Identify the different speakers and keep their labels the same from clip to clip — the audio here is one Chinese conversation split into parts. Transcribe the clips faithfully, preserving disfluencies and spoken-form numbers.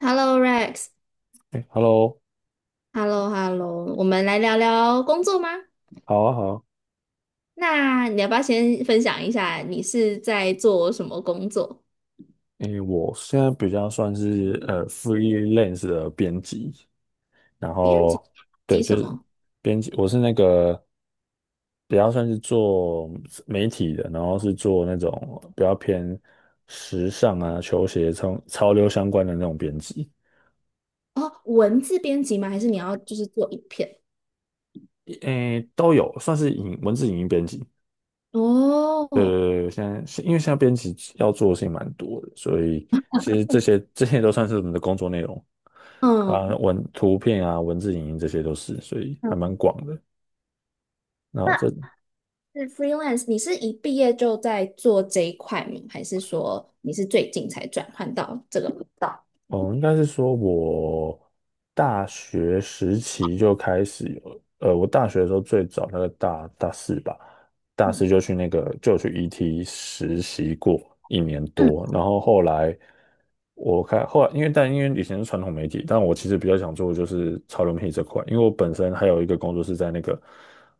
Speaker 1: Hello Rex，Hello
Speaker 2: 哎，Hello，
Speaker 1: Hello，我们来聊聊工作吗？
Speaker 2: 好啊，好啊。
Speaker 1: 那你要不要先分享一下你是在做什么工作？
Speaker 2: 哎，我现在比较算是呃 freelance 的编辑，然
Speaker 1: 编辑
Speaker 2: 后对，
Speaker 1: 辑
Speaker 2: 就
Speaker 1: 什
Speaker 2: 是
Speaker 1: 么？
Speaker 2: 编辑，我是那个比较算是做媒体的，然后是做那种比较偏时尚啊、球鞋、潮潮流相关的那种编辑。
Speaker 1: 哦，文字编辑吗？还是你要就是做影片？
Speaker 2: 诶，都有，算是影文字影音编辑。对
Speaker 1: 哦，
Speaker 2: 对对，现在是因为现在编辑要做的事情蛮多的，所以其实这些这些都算是我们的工作内容啊，
Speaker 1: 嗯，
Speaker 2: 文图片啊、文字、影音这些都是，所以
Speaker 1: 嗯
Speaker 2: 还蛮广的。然后这
Speaker 1: 那是 freelance，你是一毕业就在做这一块吗？还是说你是最近才转换到这个频道？
Speaker 2: 哦，应该是说我大学时期就开始有，呃，我大学的时候最早那个大大四吧，大
Speaker 1: 嗯
Speaker 2: 四就去那个就去 E T 实习过一年
Speaker 1: 嗯
Speaker 2: 多，然后后来。我看后来，因为但因为以前是传统媒体，但我其实比较想做的就是潮流媒体这块，因为我本身还有一个工作是在那个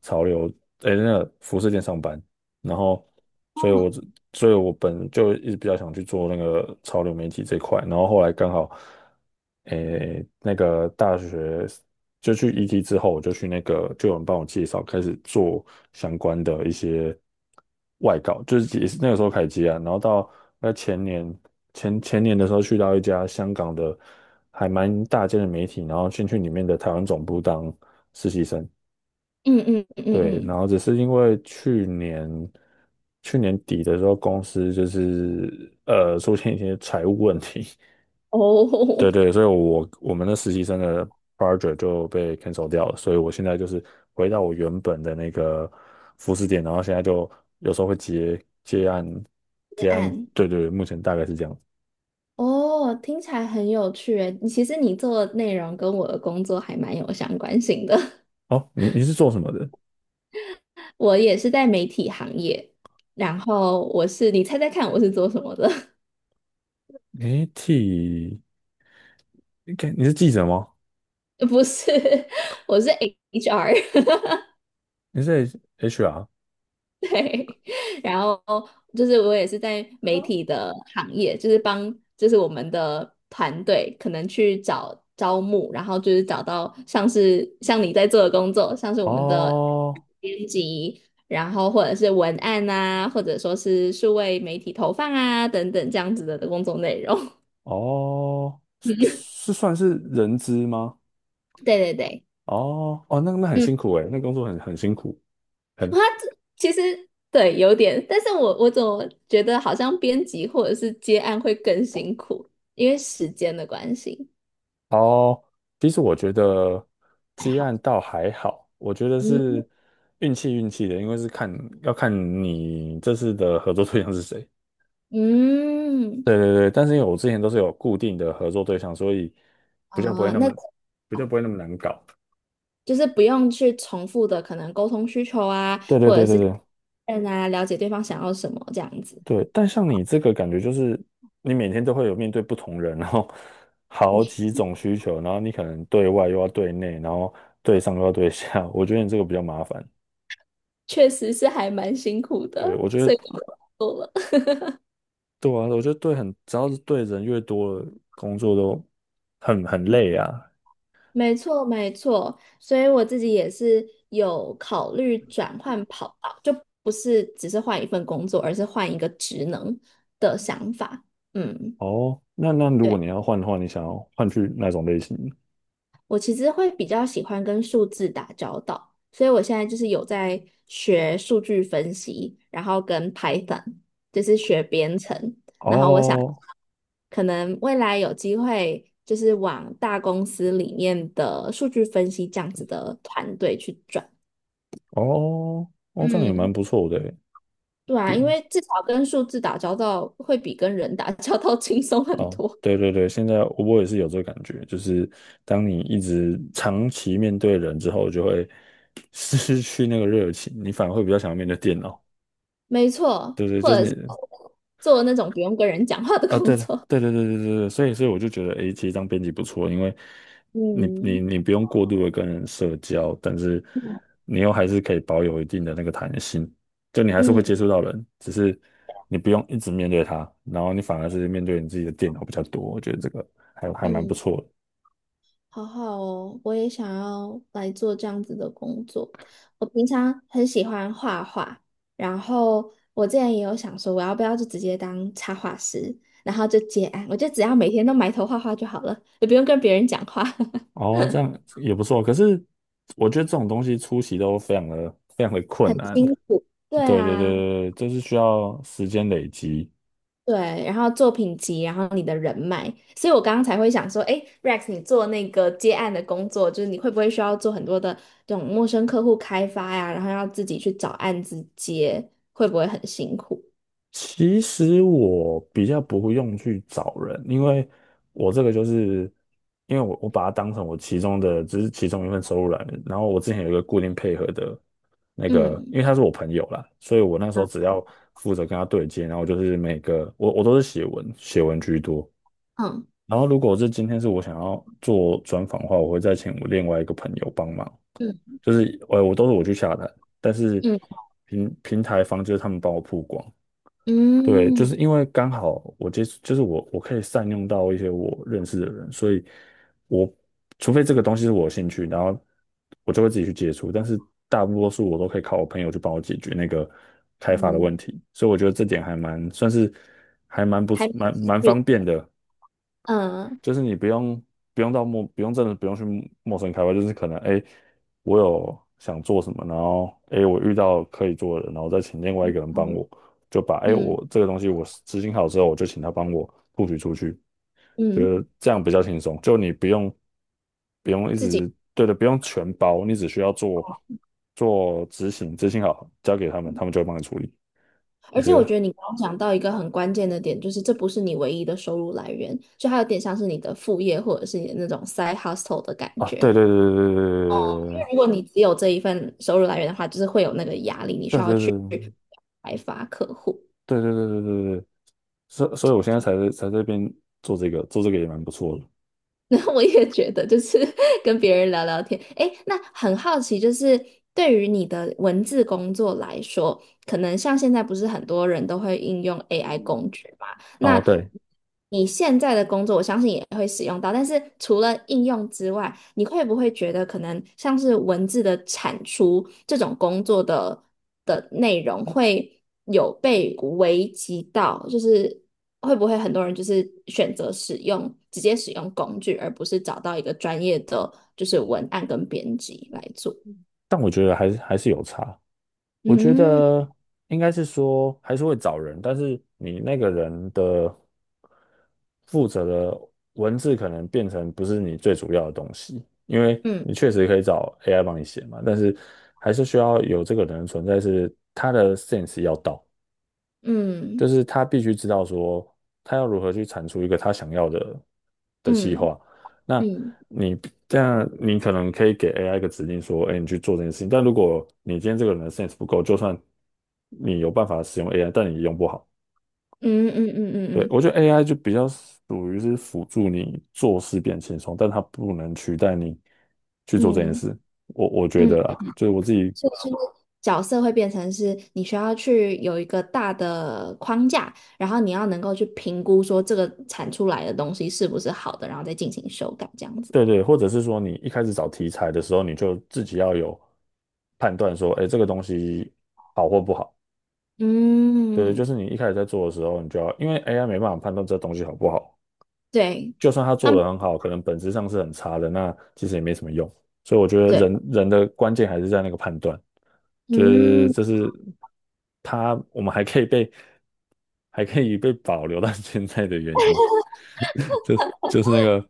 Speaker 2: 潮流，诶，那个服饰店上班，然后，所以我
Speaker 1: 嗯
Speaker 2: 只所以我本就一直比较想去做那个潮流媒体这块，然后后来刚好，诶，那个大学就去 E T 之后，我就去那个就有人帮我介绍，开始做相关的一些外稿，就是也是那个时候开始接啊，然后到那前年前前年的时候去到一家香港的还蛮大间的媒体，然后先去里面的台湾总部当实习生。
Speaker 1: 嗯嗯嗯嗯，
Speaker 2: 对，
Speaker 1: 嗯
Speaker 2: 然后只是因为去年去年底的时候，公司就是呃出现一些财务问题。
Speaker 1: 哦，
Speaker 2: 对对，所以我我们的实习生的 project 就被 cancel 掉了，所以我现在就是回到我原本的那个服饰店，然后现在就有时候会接接案
Speaker 1: 接
Speaker 2: 接案，
Speaker 1: 案。
Speaker 2: 对对，目前大概是这样。
Speaker 1: 哦，听起来很有趣诶。其实你做的内容跟我的工作还蛮有相关性的。
Speaker 2: 哦，你你是做什么的？
Speaker 1: 我也是在媒体行业，然后我是，你猜猜看我是做什么的？
Speaker 2: 你替，你看你是记者吗？
Speaker 1: 不是，我是 H R。
Speaker 2: 你是 H R
Speaker 1: 对，然后就是我也是在媒体的行业，就是帮就是我们的团队可能去找招募，然后就是找到像是像你在做的工作，像是我们的
Speaker 2: 哦。
Speaker 1: 编辑，然后或者是文案啊，或者说是数位媒体投放啊等等这样子的工作内容。
Speaker 2: 哦，是是算是人资吗？
Speaker 1: 对对对，
Speaker 2: 哦哦，那那很
Speaker 1: 嗯
Speaker 2: 辛苦诶，那工作很很辛苦，
Speaker 1: 它
Speaker 2: 很
Speaker 1: 其实对有点，但是我我总觉得好像编辑或者是接案会更辛苦，因为时间的关系，
Speaker 2: 哦。其实我觉得
Speaker 1: 还
Speaker 2: 积
Speaker 1: 好。
Speaker 2: 案倒还好，我觉得
Speaker 1: 嗯
Speaker 2: 是运气运气的，因为是看要看你这次的合作对象是谁。
Speaker 1: 嗯
Speaker 2: 对对对，但是因为我之前都是有固定的合作对象，所以比较不会
Speaker 1: 啊、
Speaker 2: 那
Speaker 1: 那
Speaker 2: 么比较
Speaker 1: 好
Speaker 2: 不会那么难搞。
Speaker 1: 就是不用去重复的可能沟通需求啊，
Speaker 2: 对对
Speaker 1: 或者
Speaker 2: 对对
Speaker 1: 是
Speaker 2: 对，
Speaker 1: 嗯啊，了解对方想要什么这样子，
Speaker 2: 对，但像你这个感觉就是，你每天都会有面对不同人，然后 好几种需求，然后你可能对外又要对内，然后对上又要对下，我觉得你这个比较麻烦。
Speaker 1: 确实是还蛮辛苦的，
Speaker 2: 对，我觉
Speaker 1: 所
Speaker 2: 得
Speaker 1: 以。
Speaker 2: 对啊，我觉得对很，只要是对人越多了，工作都很很累啊。
Speaker 1: 没错，没错，所以我自己也是有考虑转换跑道，就不是只是换一份工作，而是换一个职能的想法。嗯，
Speaker 2: 哦，那那如果
Speaker 1: 对，
Speaker 2: 你要换的话，你想要换去哪种类型？
Speaker 1: 我其实会比较喜欢跟数字打交道，所以我现在就是有在学数据分析，然后跟 Python 就是学编程，然后我想
Speaker 2: 哦
Speaker 1: 可能未来有机会就是往大公司里面的数据分析这样子的团队去转。
Speaker 2: 哦哦，这样也蛮
Speaker 1: 嗯，
Speaker 2: 不错的欸，
Speaker 1: 对啊，
Speaker 2: 比
Speaker 1: 因为至少跟数字打交道会比跟人打交道 轻松很
Speaker 2: 哦，
Speaker 1: 多。
Speaker 2: 对对对，现在我也是有这个感觉，就是当你一直长期面对人之后，就会 失去那个热情，你反而会比较想要面对电脑。
Speaker 1: 没错，
Speaker 2: 对对，
Speaker 1: 或
Speaker 2: 就是
Speaker 1: 者
Speaker 2: 你
Speaker 1: 是做那种不用跟人讲话的
Speaker 2: 啊，
Speaker 1: 工
Speaker 2: 对了，
Speaker 1: 作。
Speaker 2: 对对对对对对，所以所以我就觉得，诶，其实当编辑不错，因为 你你
Speaker 1: 嗯
Speaker 2: 你不用过度的跟人社交，但是你又还是可以保有一定的那个弹性，就你还是会
Speaker 1: 嗯
Speaker 2: 接触到人，只是你不用一直面对他，然后你反而是面对你自己的电脑比较多，我觉得这个还还蛮不
Speaker 1: 嗯，
Speaker 2: 错的。
Speaker 1: 好好哦，我也想要来做这样子的工作。我平常很喜欢画画，然后我之前也有想说，我要不要就直接当插画师，然后就接案，我就只要每天都埋头画画就好了，也不用跟别人讲话，
Speaker 2: 哦，这样也不错。可是我觉得这种东西出席都非常的非常的
Speaker 1: 很
Speaker 2: 困难。
Speaker 1: 辛苦。对
Speaker 2: 对对对
Speaker 1: 啊。
Speaker 2: 对，对，这是需要时间累积。
Speaker 1: 对，然后作品集，然后你的人脉，所以我刚刚才会想说，哎，Rex，你做那个接案的工作，就是你会不会需要做很多的这种陌生客户开发呀，然后要自己去找案子接，会不会很辛苦？
Speaker 2: 其实我比较不会用去找人，因为我这个就是因为我我把它当成我其中的只是其中一份收入来源。然后我之前有一个固定配合的那个，
Speaker 1: 嗯
Speaker 2: 因为他是我朋友啦，所以我那时候
Speaker 1: 嗯
Speaker 2: 只要负责跟他对接，然后就是每个我我都是写文写文居多。
Speaker 1: 嗯
Speaker 2: 然后如果是今天是我想要做专访的话，我会再请我另外一个朋友帮忙，
Speaker 1: 嗯
Speaker 2: 就是呃，我都是我去下单，但是
Speaker 1: 嗯
Speaker 2: 平平台方就是他们帮我曝光。对，就
Speaker 1: 嗯
Speaker 2: 是因为刚好我接触，就是我我可以善用到一些我认识的人，所以我除非这个东西是我有兴趣，然后我就会自己去接触，但是大多数我都可以靠我朋友去帮我解决那个开发的
Speaker 1: 嗯，
Speaker 2: 问题，所以我觉得这点还蛮算是还蛮不
Speaker 1: 还蛮
Speaker 2: 蛮
Speaker 1: 幸
Speaker 2: 蛮
Speaker 1: 运，
Speaker 2: 方便的。
Speaker 1: 嗯
Speaker 2: 就是你不用不用到陌不用真的不用去陌生开发，就是可能哎，我有想做什么，然后哎我遇到可以做的然后再请另外一个人帮我，就把哎
Speaker 1: 嗯
Speaker 2: 我这个东西我执行好之后，我就请他帮我布局出去，觉
Speaker 1: 嗯，
Speaker 2: 得这样比较轻松，就你不用不用一
Speaker 1: 自己，
Speaker 2: 直对的，不用全包，你只需要做做执行，执行好交给他们，他们就会帮你处理。我
Speaker 1: 而且
Speaker 2: 觉
Speaker 1: 我觉
Speaker 2: 得
Speaker 1: 得你刚刚讲到一个很关键的点，就是这不是你唯一的收入来源，就它有点像是你的副业或者是你的那种 side hustle 的感
Speaker 2: 啊，
Speaker 1: 觉。
Speaker 2: 对对对
Speaker 1: 如果你只有这一份收入来源的话，就是会有那个压力，你需
Speaker 2: 对
Speaker 1: 要
Speaker 2: 对对对
Speaker 1: 去
Speaker 2: 对对对对。
Speaker 1: 开发客户。
Speaker 2: 对对对对对对，所所以我现在才在才在这边做这个，做这个也蛮不错的。
Speaker 1: 那我也觉得，就是 跟别人聊聊天。诶，那很好奇，就是对于你的文字工作来说，可能像现在不是很多人都会应用
Speaker 2: 嗯
Speaker 1: A I
Speaker 2: 嗯
Speaker 1: 工具嘛？
Speaker 2: 哦，
Speaker 1: 那
Speaker 2: 对，
Speaker 1: 你现在的工作，我相信也会使用到。但是除了应用之外，你会不会觉得可能像是文字的产出这种工作的的内容会有被危及到？就是会不会很多人就是选择使用直接使用工具，而不是找到一个专业的就是文案跟编辑来做？
Speaker 2: 但我觉得还是还是有差。我觉
Speaker 1: 嗯
Speaker 2: 得应该是说还是会找人，但是你那个人的负责的文字可能变成不是你最主要的东西，因为
Speaker 1: 嗯
Speaker 2: 你确实可以找 A I 帮你写嘛，但是还是需要有这个人的存在，是，他的 sense 要到。
Speaker 1: 嗯
Speaker 2: 就是他必须知道说他要如何去产出一个他想要的的计
Speaker 1: 嗯
Speaker 2: 划。那
Speaker 1: 嗯
Speaker 2: 你这样，你可能可以给 A I 一个指令说，哎，你去做这件事情。但如果你今天这个人的 sense 不够，就算你有办法使用 A I，但你用不好。
Speaker 1: 嗯嗯嗯
Speaker 2: 对，
Speaker 1: 嗯
Speaker 2: 我觉得 A I 就比较属于是辅助你做事变轻松，但它不能取代你去做这件
Speaker 1: 嗯
Speaker 2: 事。我我觉
Speaker 1: 嗯，
Speaker 2: 得啊，就是我自己
Speaker 1: 所以就是角色会变成是你需要去有一个大的框架，然后你要能够去评估说这个产出来的东西是不是好的，然后再进行修改这样子。
Speaker 2: 对对，或者是说你一开始找题材的时候，你就自己要有判断说，哎，这个东西好或不好。对，就
Speaker 1: 嗯，
Speaker 2: 是你一开始在做的时候，你就要，因为 A I 没办法判断这东西好不好，
Speaker 1: 对，
Speaker 2: 就算他
Speaker 1: 他
Speaker 2: 做
Speaker 1: 们
Speaker 2: 的很好，可能本质上是很差的，那其实也没什么用。所以我觉得
Speaker 1: 对，
Speaker 2: 人人的关键还是在那个判断，就是
Speaker 1: 嗯。
Speaker 2: 这是他我们还可以被还可以被保留到 现在的原因，就就是那个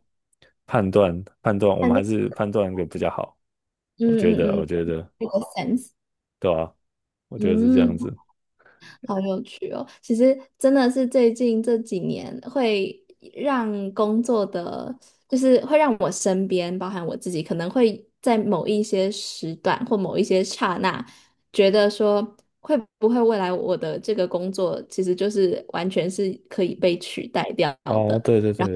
Speaker 2: 判断判断，我们还是判断的比较好。
Speaker 1: 嗯
Speaker 2: 我觉得，
Speaker 1: 嗯
Speaker 2: 我
Speaker 1: 嗯，
Speaker 2: 觉得，
Speaker 1: 这个 sense，
Speaker 2: 对啊，我觉得是这样
Speaker 1: 嗯，
Speaker 2: 子。
Speaker 1: 好有趣哦。其实真的是最近这几年会让工作的，就是会让我身边，包含我自己，可能会在某一些时段或某一些刹那，觉得说会不会未来我的这个工作其实就是完全是可以被取代掉
Speaker 2: 哦，
Speaker 1: 的。
Speaker 2: 对对对，
Speaker 1: 然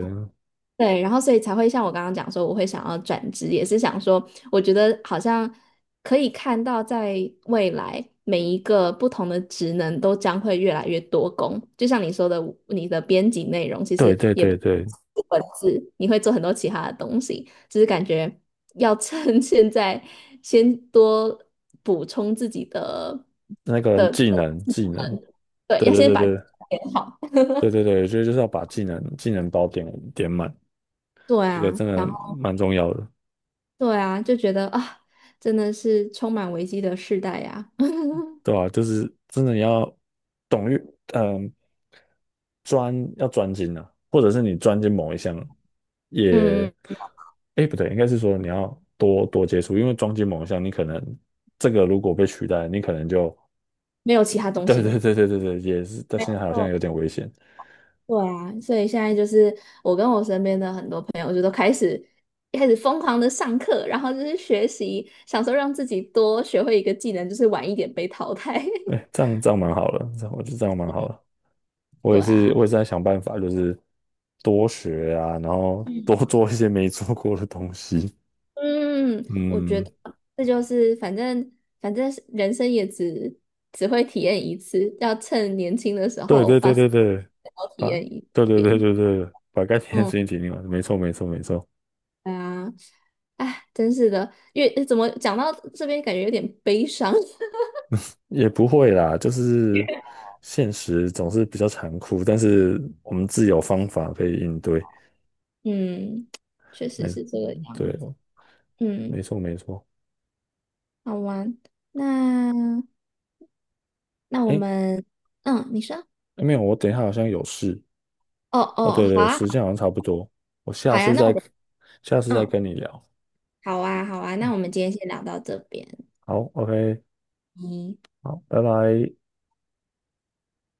Speaker 1: 对，然后所以才会像我刚刚讲说，我会想要转职，也是想说，我觉得好像可以看到，在未来每一个不同的职能都将会越来越多工。就像你说的，你的编辑内容其
Speaker 2: 对
Speaker 1: 实
Speaker 2: 对
Speaker 1: 也不
Speaker 2: 对
Speaker 1: 是
Speaker 2: 对，
Speaker 1: 文字，你会做很多其他的东西，只是感觉要趁 现在先多补充自己的
Speaker 2: 那个
Speaker 1: 的，
Speaker 2: 技能技能，
Speaker 1: 对，
Speaker 2: 对
Speaker 1: 要
Speaker 2: 对
Speaker 1: 先
Speaker 2: 对
Speaker 1: 把。
Speaker 2: 对。
Speaker 1: 练好。
Speaker 2: 对对对，我觉得就是要把技能技能包点点满，
Speaker 1: 对
Speaker 2: 这个
Speaker 1: 啊，
Speaker 2: 真的
Speaker 1: 然后。
Speaker 2: 蛮重要的，
Speaker 1: 对啊，就觉得啊，真的是充满危机的世代呀、
Speaker 2: 对吧、就是真的你要懂于嗯专要专精啊，或者是你专精某一项
Speaker 1: 嗯，
Speaker 2: 也，哎不对，应该是说你要多多接触，因为专精某一项，你可能这个如果被取代，你可能就
Speaker 1: 没有其他东
Speaker 2: 对
Speaker 1: 西
Speaker 2: 对
Speaker 1: 了。
Speaker 2: 对对对对，也是，但
Speaker 1: 没
Speaker 2: 现在好像
Speaker 1: 错，
Speaker 2: 有点危险，
Speaker 1: 对啊，所以现在就是我跟我身边的很多朋友一开始疯狂的上课，然后就是学习，想说让自己多学会一个技能，就是晚一点被淘汰。
Speaker 2: 哎，这样这样蛮好的，这样我觉得这样蛮好的。我
Speaker 1: 对
Speaker 2: 也是，
Speaker 1: 啊，
Speaker 2: 我也是在想办法，就是多学啊，然后
Speaker 1: 嗯，
Speaker 2: 多做一些没做过的东西。
Speaker 1: 嗯，我觉
Speaker 2: 嗯，
Speaker 1: 得这就是反正反正人生也只只会体验一次，要趁年轻的时
Speaker 2: 对
Speaker 1: 候
Speaker 2: 对对
Speaker 1: 把所
Speaker 2: 对对，
Speaker 1: 有都体
Speaker 2: 把，
Speaker 1: 验一
Speaker 2: 对对对
Speaker 1: 遍。
Speaker 2: 对对，把该停的事
Speaker 1: 嗯，
Speaker 2: 情停进完，没错没错没错，
Speaker 1: 对啊。哎，真是的，越怎么讲到这边，感觉有点悲伤。
Speaker 2: 也不会啦，就是现实总是比较残酷，但是我们自有方法可以应对。
Speaker 1: 嗯，确实
Speaker 2: 没，
Speaker 1: 是这个样
Speaker 2: 对，
Speaker 1: 子。嗯，
Speaker 2: 没错没错。
Speaker 1: 好玩。那那我
Speaker 2: 诶，
Speaker 1: 们，嗯，你说，
Speaker 2: 没有，我等一下好像有事。
Speaker 1: 哦
Speaker 2: 哦，对
Speaker 1: 哦，好
Speaker 2: 对，
Speaker 1: 啊，
Speaker 2: 时间好像差不多，我
Speaker 1: 好
Speaker 2: 下
Speaker 1: 呀，
Speaker 2: 次
Speaker 1: 那我
Speaker 2: 再，
Speaker 1: 们，
Speaker 2: 下次再
Speaker 1: 嗯，
Speaker 2: 跟你聊。
Speaker 1: 好啊，好啊，那我们今天先聊到这边。
Speaker 2: 好，OK，
Speaker 1: 嗯。
Speaker 2: 好，拜拜。